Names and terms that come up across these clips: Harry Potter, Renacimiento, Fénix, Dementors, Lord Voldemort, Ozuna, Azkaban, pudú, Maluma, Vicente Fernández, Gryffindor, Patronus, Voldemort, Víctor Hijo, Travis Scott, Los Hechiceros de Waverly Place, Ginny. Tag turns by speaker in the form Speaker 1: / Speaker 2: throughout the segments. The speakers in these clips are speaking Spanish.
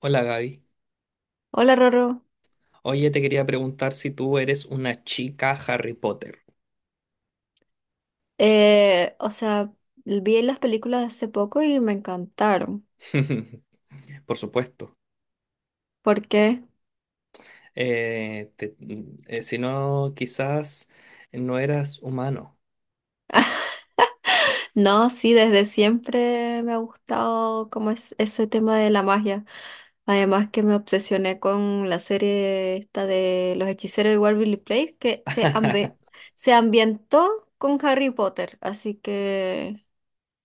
Speaker 1: Hola, Gaby.
Speaker 2: Hola, Roro.
Speaker 1: Oye, te quería preguntar si tú eres una chica Harry Potter.
Speaker 2: O sea, vi las películas de hace poco y me encantaron.
Speaker 1: Por supuesto.
Speaker 2: ¿Por qué?
Speaker 1: Si no, quizás no eras humano.
Speaker 2: No, sí, desde siempre me ha gustado como es ese tema de la magia. Además que me obsesioné con la serie esta de Los Hechiceros de Waverly Place se ambientó con Harry Potter, así que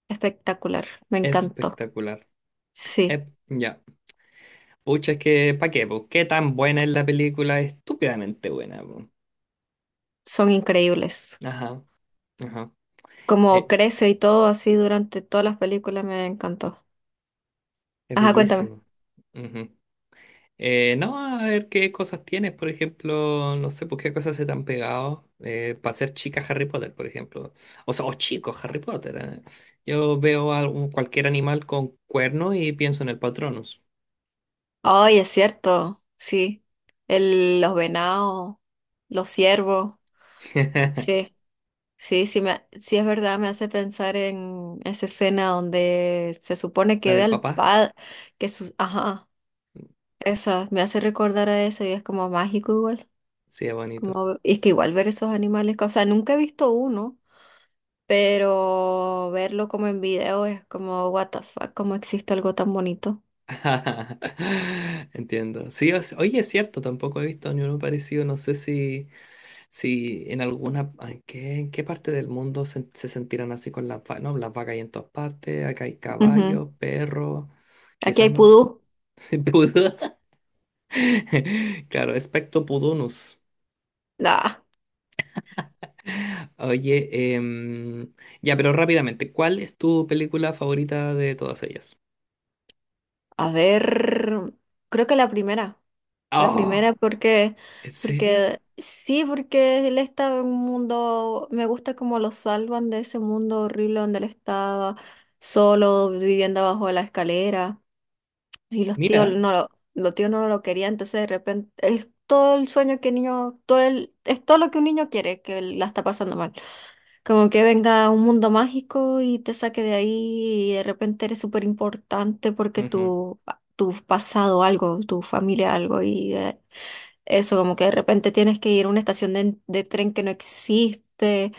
Speaker 2: espectacular, me encantó.
Speaker 1: Espectacular.
Speaker 2: Sí,
Speaker 1: Eh, ya. Pucha, es que, ¿pa' qué, po? ¿Qué tan buena es la película? Estúpidamente buena, po.
Speaker 2: son increíbles.
Speaker 1: Ajá, ajá.
Speaker 2: Como
Speaker 1: Eh,
Speaker 2: crece y todo así durante todas las películas me encantó.
Speaker 1: es
Speaker 2: Ajá, cuéntame.
Speaker 1: bellísimo. Ujú. No, a ver qué cosas tienes, por ejemplo, no sé por qué cosas se te han pegado para ser chica Harry Potter, por ejemplo. O sea, o chicos Harry Potter, ¿eh? Yo veo a cualquier animal con cuerno y pienso en el Patronus.
Speaker 2: Ay, es cierto, sí. El, los venados, los ciervos, sí. Sí, sí, sí es verdad, me hace pensar en esa escena donde se supone
Speaker 1: La
Speaker 2: que ve
Speaker 1: del
Speaker 2: al
Speaker 1: papá.
Speaker 2: padre, ajá, esa, me hace recordar a eso y es como mágico igual.
Speaker 1: Sí, es bonito.
Speaker 2: Como, y es que igual ver esos animales, o sea, nunca he visto uno, pero verlo como en video es como, what the fuck, cómo existe algo tan bonito.
Speaker 1: Entiendo. Sí, oye, es cierto, tampoco he visto ni uno parecido. No sé si en alguna, ay, ¿qué, en qué parte del mundo se sentirán así con las vacas? No, las vacas hay en todas partes, acá hay
Speaker 2: Ujú.
Speaker 1: caballos, perros,
Speaker 2: Aquí
Speaker 1: quizás
Speaker 2: hay
Speaker 1: no.
Speaker 2: pudú.
Speaker 1: Pudú. Claro, espectro pudunus.
Speaker 2: No.
Speaker 1: Oye, ya, pero rápidamente, ¿cuál es tu película favorita de todas ellas?
Speaker 2: A ver, creo que la
Speaker 1: Oh,
Speaker 2: primera porque,
Speaker 1: ¿en serio?
Speaker 2: porque sí, porque él estaba en un mundo, me gusta como lo salvan de ese mundo horrible donde él estaba solo viviendo abajo de la escalera y
Speaker 1: Mira.
Speaker 2: los tíos no lo querían, entonces de repente es todo el sueño que el niño, todo el, es todo lo que un niño quiere, que la está pasando mal. Como que venga un mundo mágico y te saque de ahí y de repente eres súper importante porque
Speaker 1: Ujú.
Speaker 2: tu pasado algo, tu familia algo y eso como que de repente tienes que ir a una estación de tren que no existe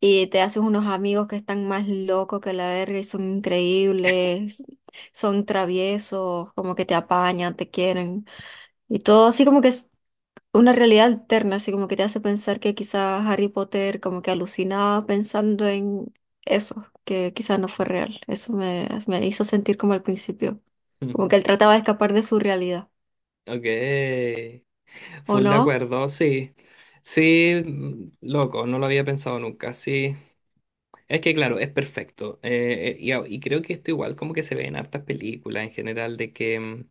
Speaker 2: y te haces unos amigos que están más locos que la verga y son increíbles, son traviesos, como que te apañan, te quieren y todo así como que una realidad alterna, así como que te hace pensar que quizás Harry Potter como que alucinaba pensando en eso, que quizás no fue real. Me hizo sentir como al principio, como que él trataba de escapar de su realidad,
Speaker 1: Ok.
Speaker 2: ¿o
Speaker 1: Full de
Speaker 2: no?
Speaker 1: acuerdo, sí. Sí, mm, loco, no lo había pensado nunca. Sí, es que claro, es perfecto. Y, y creo que esto igual como que se ve en hartas películas en general de que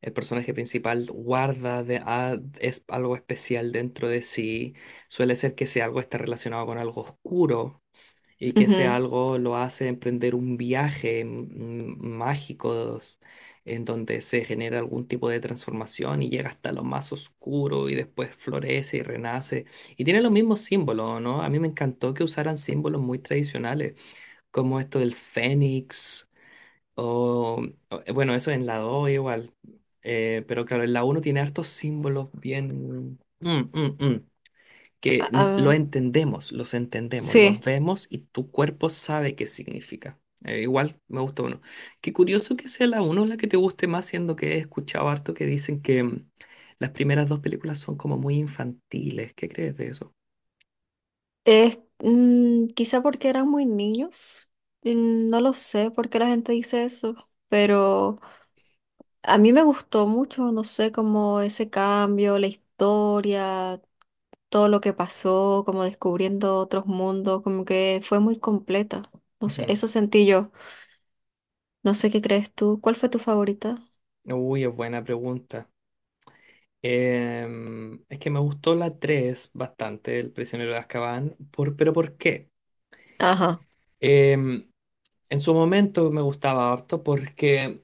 Speaker 1: el personaje principal guarda es algo especial dentro de sí. Suele ser que sea algo está relacionado con algo oscuro y que ese
Speaker 2: Ujú.
Speaker 1: algo lo hace emprender un viaje mágico en donde se genera algún tipo de transformación y llega hasta lo más oscuro y después florece y renace. Y tiene los mismos símbolos, ¿no? A mí me encantó que usaran símbolos muy tradicionales, como esto del fénix, o, bueno, eso en la 2 igual. Pero claro, en la uno tiene hartos símbolos bien... que lo
Speaker 2: Ah,
Speaker 1: entendemos, los
Speaker 2: sí,
Speaker 1: vemos y tu cuerpo sabe qué significa. Igual me gusta uno. Qué curioso que sea la uno la que te guste más, siendo que he escuchado harto que dicen que las primeras dos películas son como muy infantiles. ¿Qué crees de eso?
Speaker 2: quizá porque eran muy niños, no lo sé por qué la gente dice eso, pero a mí me gustó mucho, no sé, como ese cambio, la historia todo lo que pasó, como descubriendo otros mundos, como que fue muy completa. No sé,
Speaker 1: Ujú.
Speaker 2: eso sentí yo. No sé qué crees tú. ¿Cuál fue tu favorita?
Speaker 1: Uy, es buena pregunta. Es que me gustó la 3 bastante, El prisionero de Azkaban, pero ¿por qué?
Speaker 2: Ajá,
Speaker 1: Em, en su momento me gustaba harto porque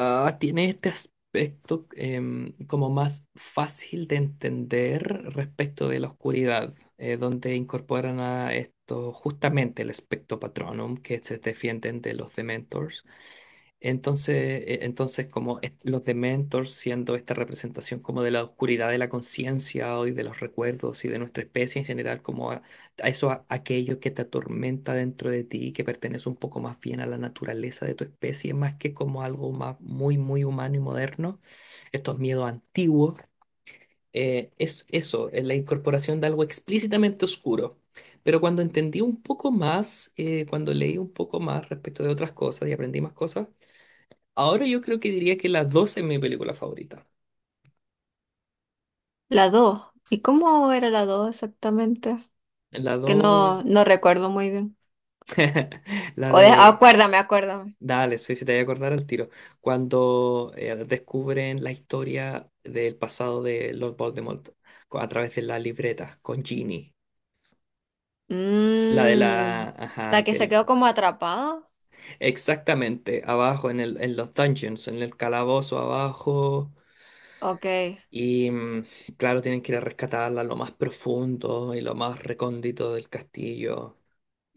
Speaker 1: ah, tiene este aspecto como más fácil de entender respecto de la oscuridad, donde incorporan a esto justamente el espectro patronum que se defienden de los Dementors. Entonces, entonces como los Dementors siendo esta representación como de la oscuridad de la conciencia y de los recuerdos y de nuestra especie en general, como a eso, aquello que te atormenta dentro de ti, que pertenece un poco más bien a la naturaleza de tu especie, más que como algo más muy, muy humano y moderno, estos miedos antiguos, es eso, es la incorporación de algo explícitamente oscuro. Pero cuando entendí un poco más, cuando leí un poco más respecto de otras cosas y aprendí más cosas, ahora yo creo que diría que las 2 es mi película favorita.
Speaker 2: la dos. ¿Y cómo era la 2 exactamente?
Speaker 1: La
Speaker 2: Que
Speaker 1: 2,
Speaker 2: no, no recuerdo muy bien.
Speaker 1: la de...
Speaker 2: Acuérdame, acuérdame.
Speaker 1: Dale, sí, si te voy a acordar al tiro. Cuando descubren la historia del pasado de Lord Voldemort a través de la libreta con Ginny. La de
Speaker 2: Mm,
Speaker 1: la... Ajá,
Speaker 2: la que se
Speaker 1: aquel.
Speaker 2: quedó como atrapada.
Speaker 1: Exactamente, abajo en en los dungeons, en el calabozo abajo.
Speaker 2: Ok.
Speaker 1: Y mm, claro, tienen que ir a rescatarla lo más profundo y lo más recóndito del castillo.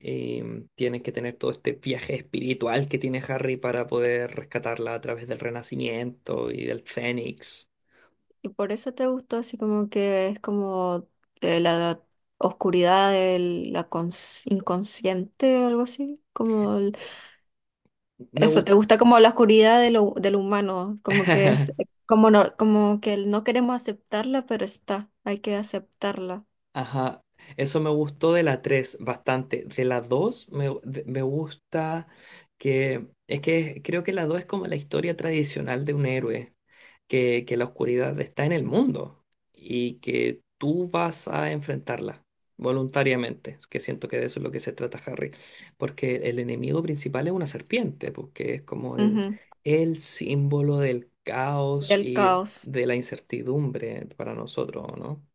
Speaker 1: Y tienes que tener todo este viaje espiritual que tiene Harry para poder rescatarla a través del Renacimiento y del Fénix.
Speaker 2: Y por eso te gustó, así como que es como la oscuridad de inconsciente o algo así, como
Speaker 1: Me
Speaker 2: eso.
Speaker 1: gusta.
Speaker 2: ¿Te gusta como la oscuridad de de lo humano? Como que es, como no, como que no queremos aceptarla, pero está, hay que aceptarla.
Speaker 1: Ajá, eso me gustó de la 3 bastante. De la 2 me gusta que es que creo que la 2 es como la historia tradicional de un héroe, que la oscuridad está en el mundo y que tú vas a enfrentarla voluntariamente, que siento que de eso es lo que se trata Harry, porque el enemigo principal es una serpiente, porque es como
Speaker 2: Ujú.
Speaker 1: el símbolo del caos
Speaker 2: Del
Speaker 1: y
Speaker 2: caos,
Speaker 1: de la incertidumbre para nosotros, ¿no?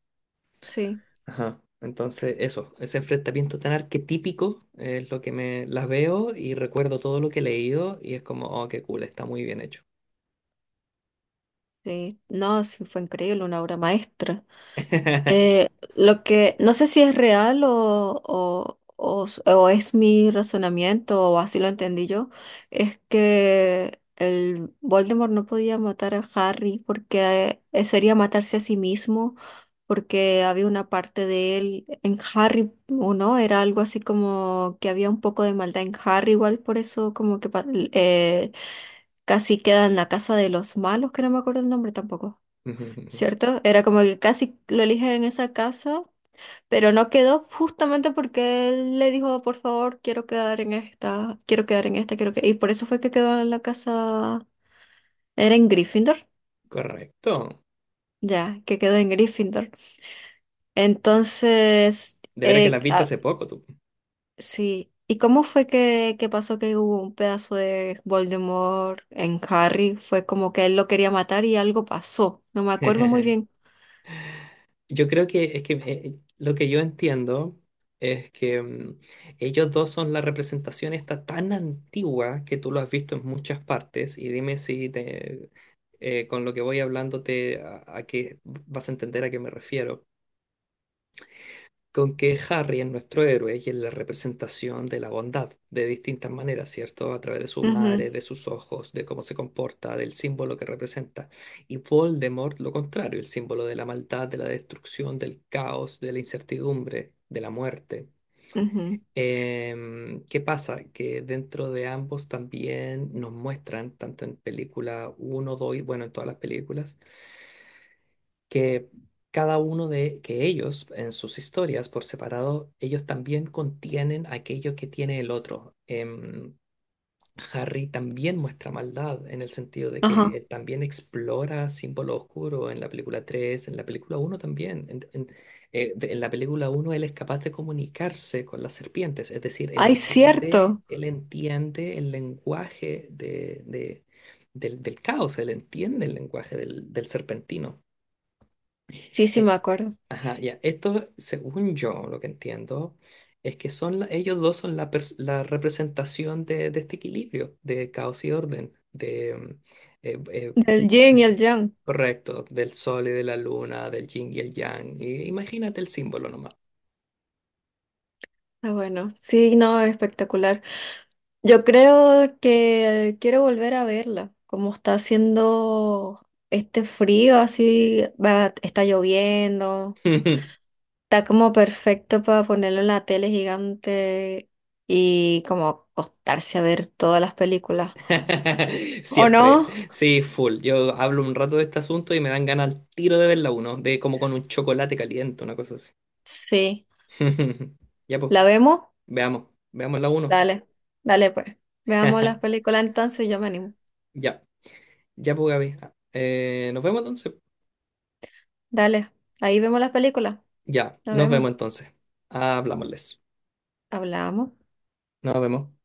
Speaker 2: sí,
Speaker 1: Ajá. Entonces, eso, ese enfrentamiento tan arquetípico es lo que me las veo y recuerdo todo lo que he leído y es como, oh, qué cool, está muy bien hecho.
Speaker 2: sí. No, sí, fue increíble, una obra maestra. Lo que no sé si es real o es mi razonamiento o así lo entendí yo, es que el Voldemort no podía matar a Harry porque sería matarse a sí mismo, porque había una parte de él en Harry, ¿o no? Era algo así como que había un poco de maldad en Harry, igual por eso como que eh, casi queda en la casa de los malos, que no me acuerdo el nombre tampoco.
Speaker 1: Ujú.
Speaker 2: ¿Cierto? Era como que casi lo eligen en esa casa, pero no quedó justamente porque él le dijo, por favor, quiero quedar en esta, quiero que... Y por eso fue que quedó en la casa, era en Gryffindor,
Speaker 1: Correcto.
Speaker 2: ya, que quedó en Gryffindor. Entonces,
Speaker 1: De veras que las viste hace poco tú.
Speaker 2: sí. ¿Y cómo fue que pasó que hubo un pedazo de Voldemort en Harry? Fue como que él lo quería matar y algo pasó. No me acuerdo muy bien.
Speaker 1: Yo creo que es que lo que yo entiendo es que mm, ellos dos son la representación esta tan antigua que tú lo has visto en muchas partes y dime si te, con lo que voy hablando a qué vas a entender a qué me refiero. Con que Harry es nuestro héroe y es la representación de la bondad de distintas maneras, ¿cierto? A través de su
Speaker 2: Ujú,
Speaker 1: madre, de sus ojos, de cómo se comporta, del símbolo que representa. Y Voldemort, lo contrario, el símbolo de la maldad, de la destrucción, del caos, de la incertidumbre, de la muerte.
Speaker 2: ujú.
Speaker 1: ¿Qué pasa? Que dentro de ambos también nos muestran, tanto en película uno 2 bueno, en todas las películas, que cada uno de que ellos en sus historias por separado, ellos también contienen aquello que tiene el otro. Harry también muestra maldad en el sentido de que
Speaker 2: Ajá.
Speaker 1: él también explora símbolo oscuro en la película 3 en la película uno también. En la película uno él es capaz de comunicarse con las serpientes, es decir,
Speaker 2: Ay, cierto.
Speaker 1: él entiende el lenguaje del, del caos, él entiende el lenguaje del del serpentino
Speaker 2: Sí, sí,
Speaker 1: eh,
Speaker 2: me acuerdo.
Speaker 1: ajá, ya. Esto, según yo, lo que entiendo, es que son ellos dos son la representación de este equilibrio, de caos y orden, eh, eh,
Speaker 2: Del yin y el yang.
Speaker 1: correcto, del sol y de la luna, del yin y el yang. Y imagínate el símbolo nomás.
Speaker 2: Ah, bueno, sí, no, espectacular. Yo creo que quiero volver a verla. Como está haciendo este frío, así va, está lloviendo. Está como perfecto para ponerlo en la tele gigante y como acostarse a ver todas las películas. ¿O
Speaker 1: Siempre,
Speaker 2: no?
Speaker 1: sí, full. Yo hablo un rato de este asunto y me dan ganas al tiro de verla uno, de como con un chocolate caliente, una cosa así.
Speaker 2: Sí.
Speaker 1: Ya pues,
Speaker 2: ¿La vemos?
Speaker 1: veamos, veamos la uno.
Speaker 2: Dale, dale pues. Veamos las películas entonces, yo me animo.
Speaker 1: Ya. Ya, pues, Gaby. Nos vemos entonces.
Speaker 2: Dale, ahí vemos las películas.
Speaker 1: Ya,
Speaker 2: La
Speaker 1: nos
Speaker 2: vemos.
Speaker 1: vemos entonces. Hablámosles.
Speaker 2: Hablamos.
Speaker 1: Nos vemos.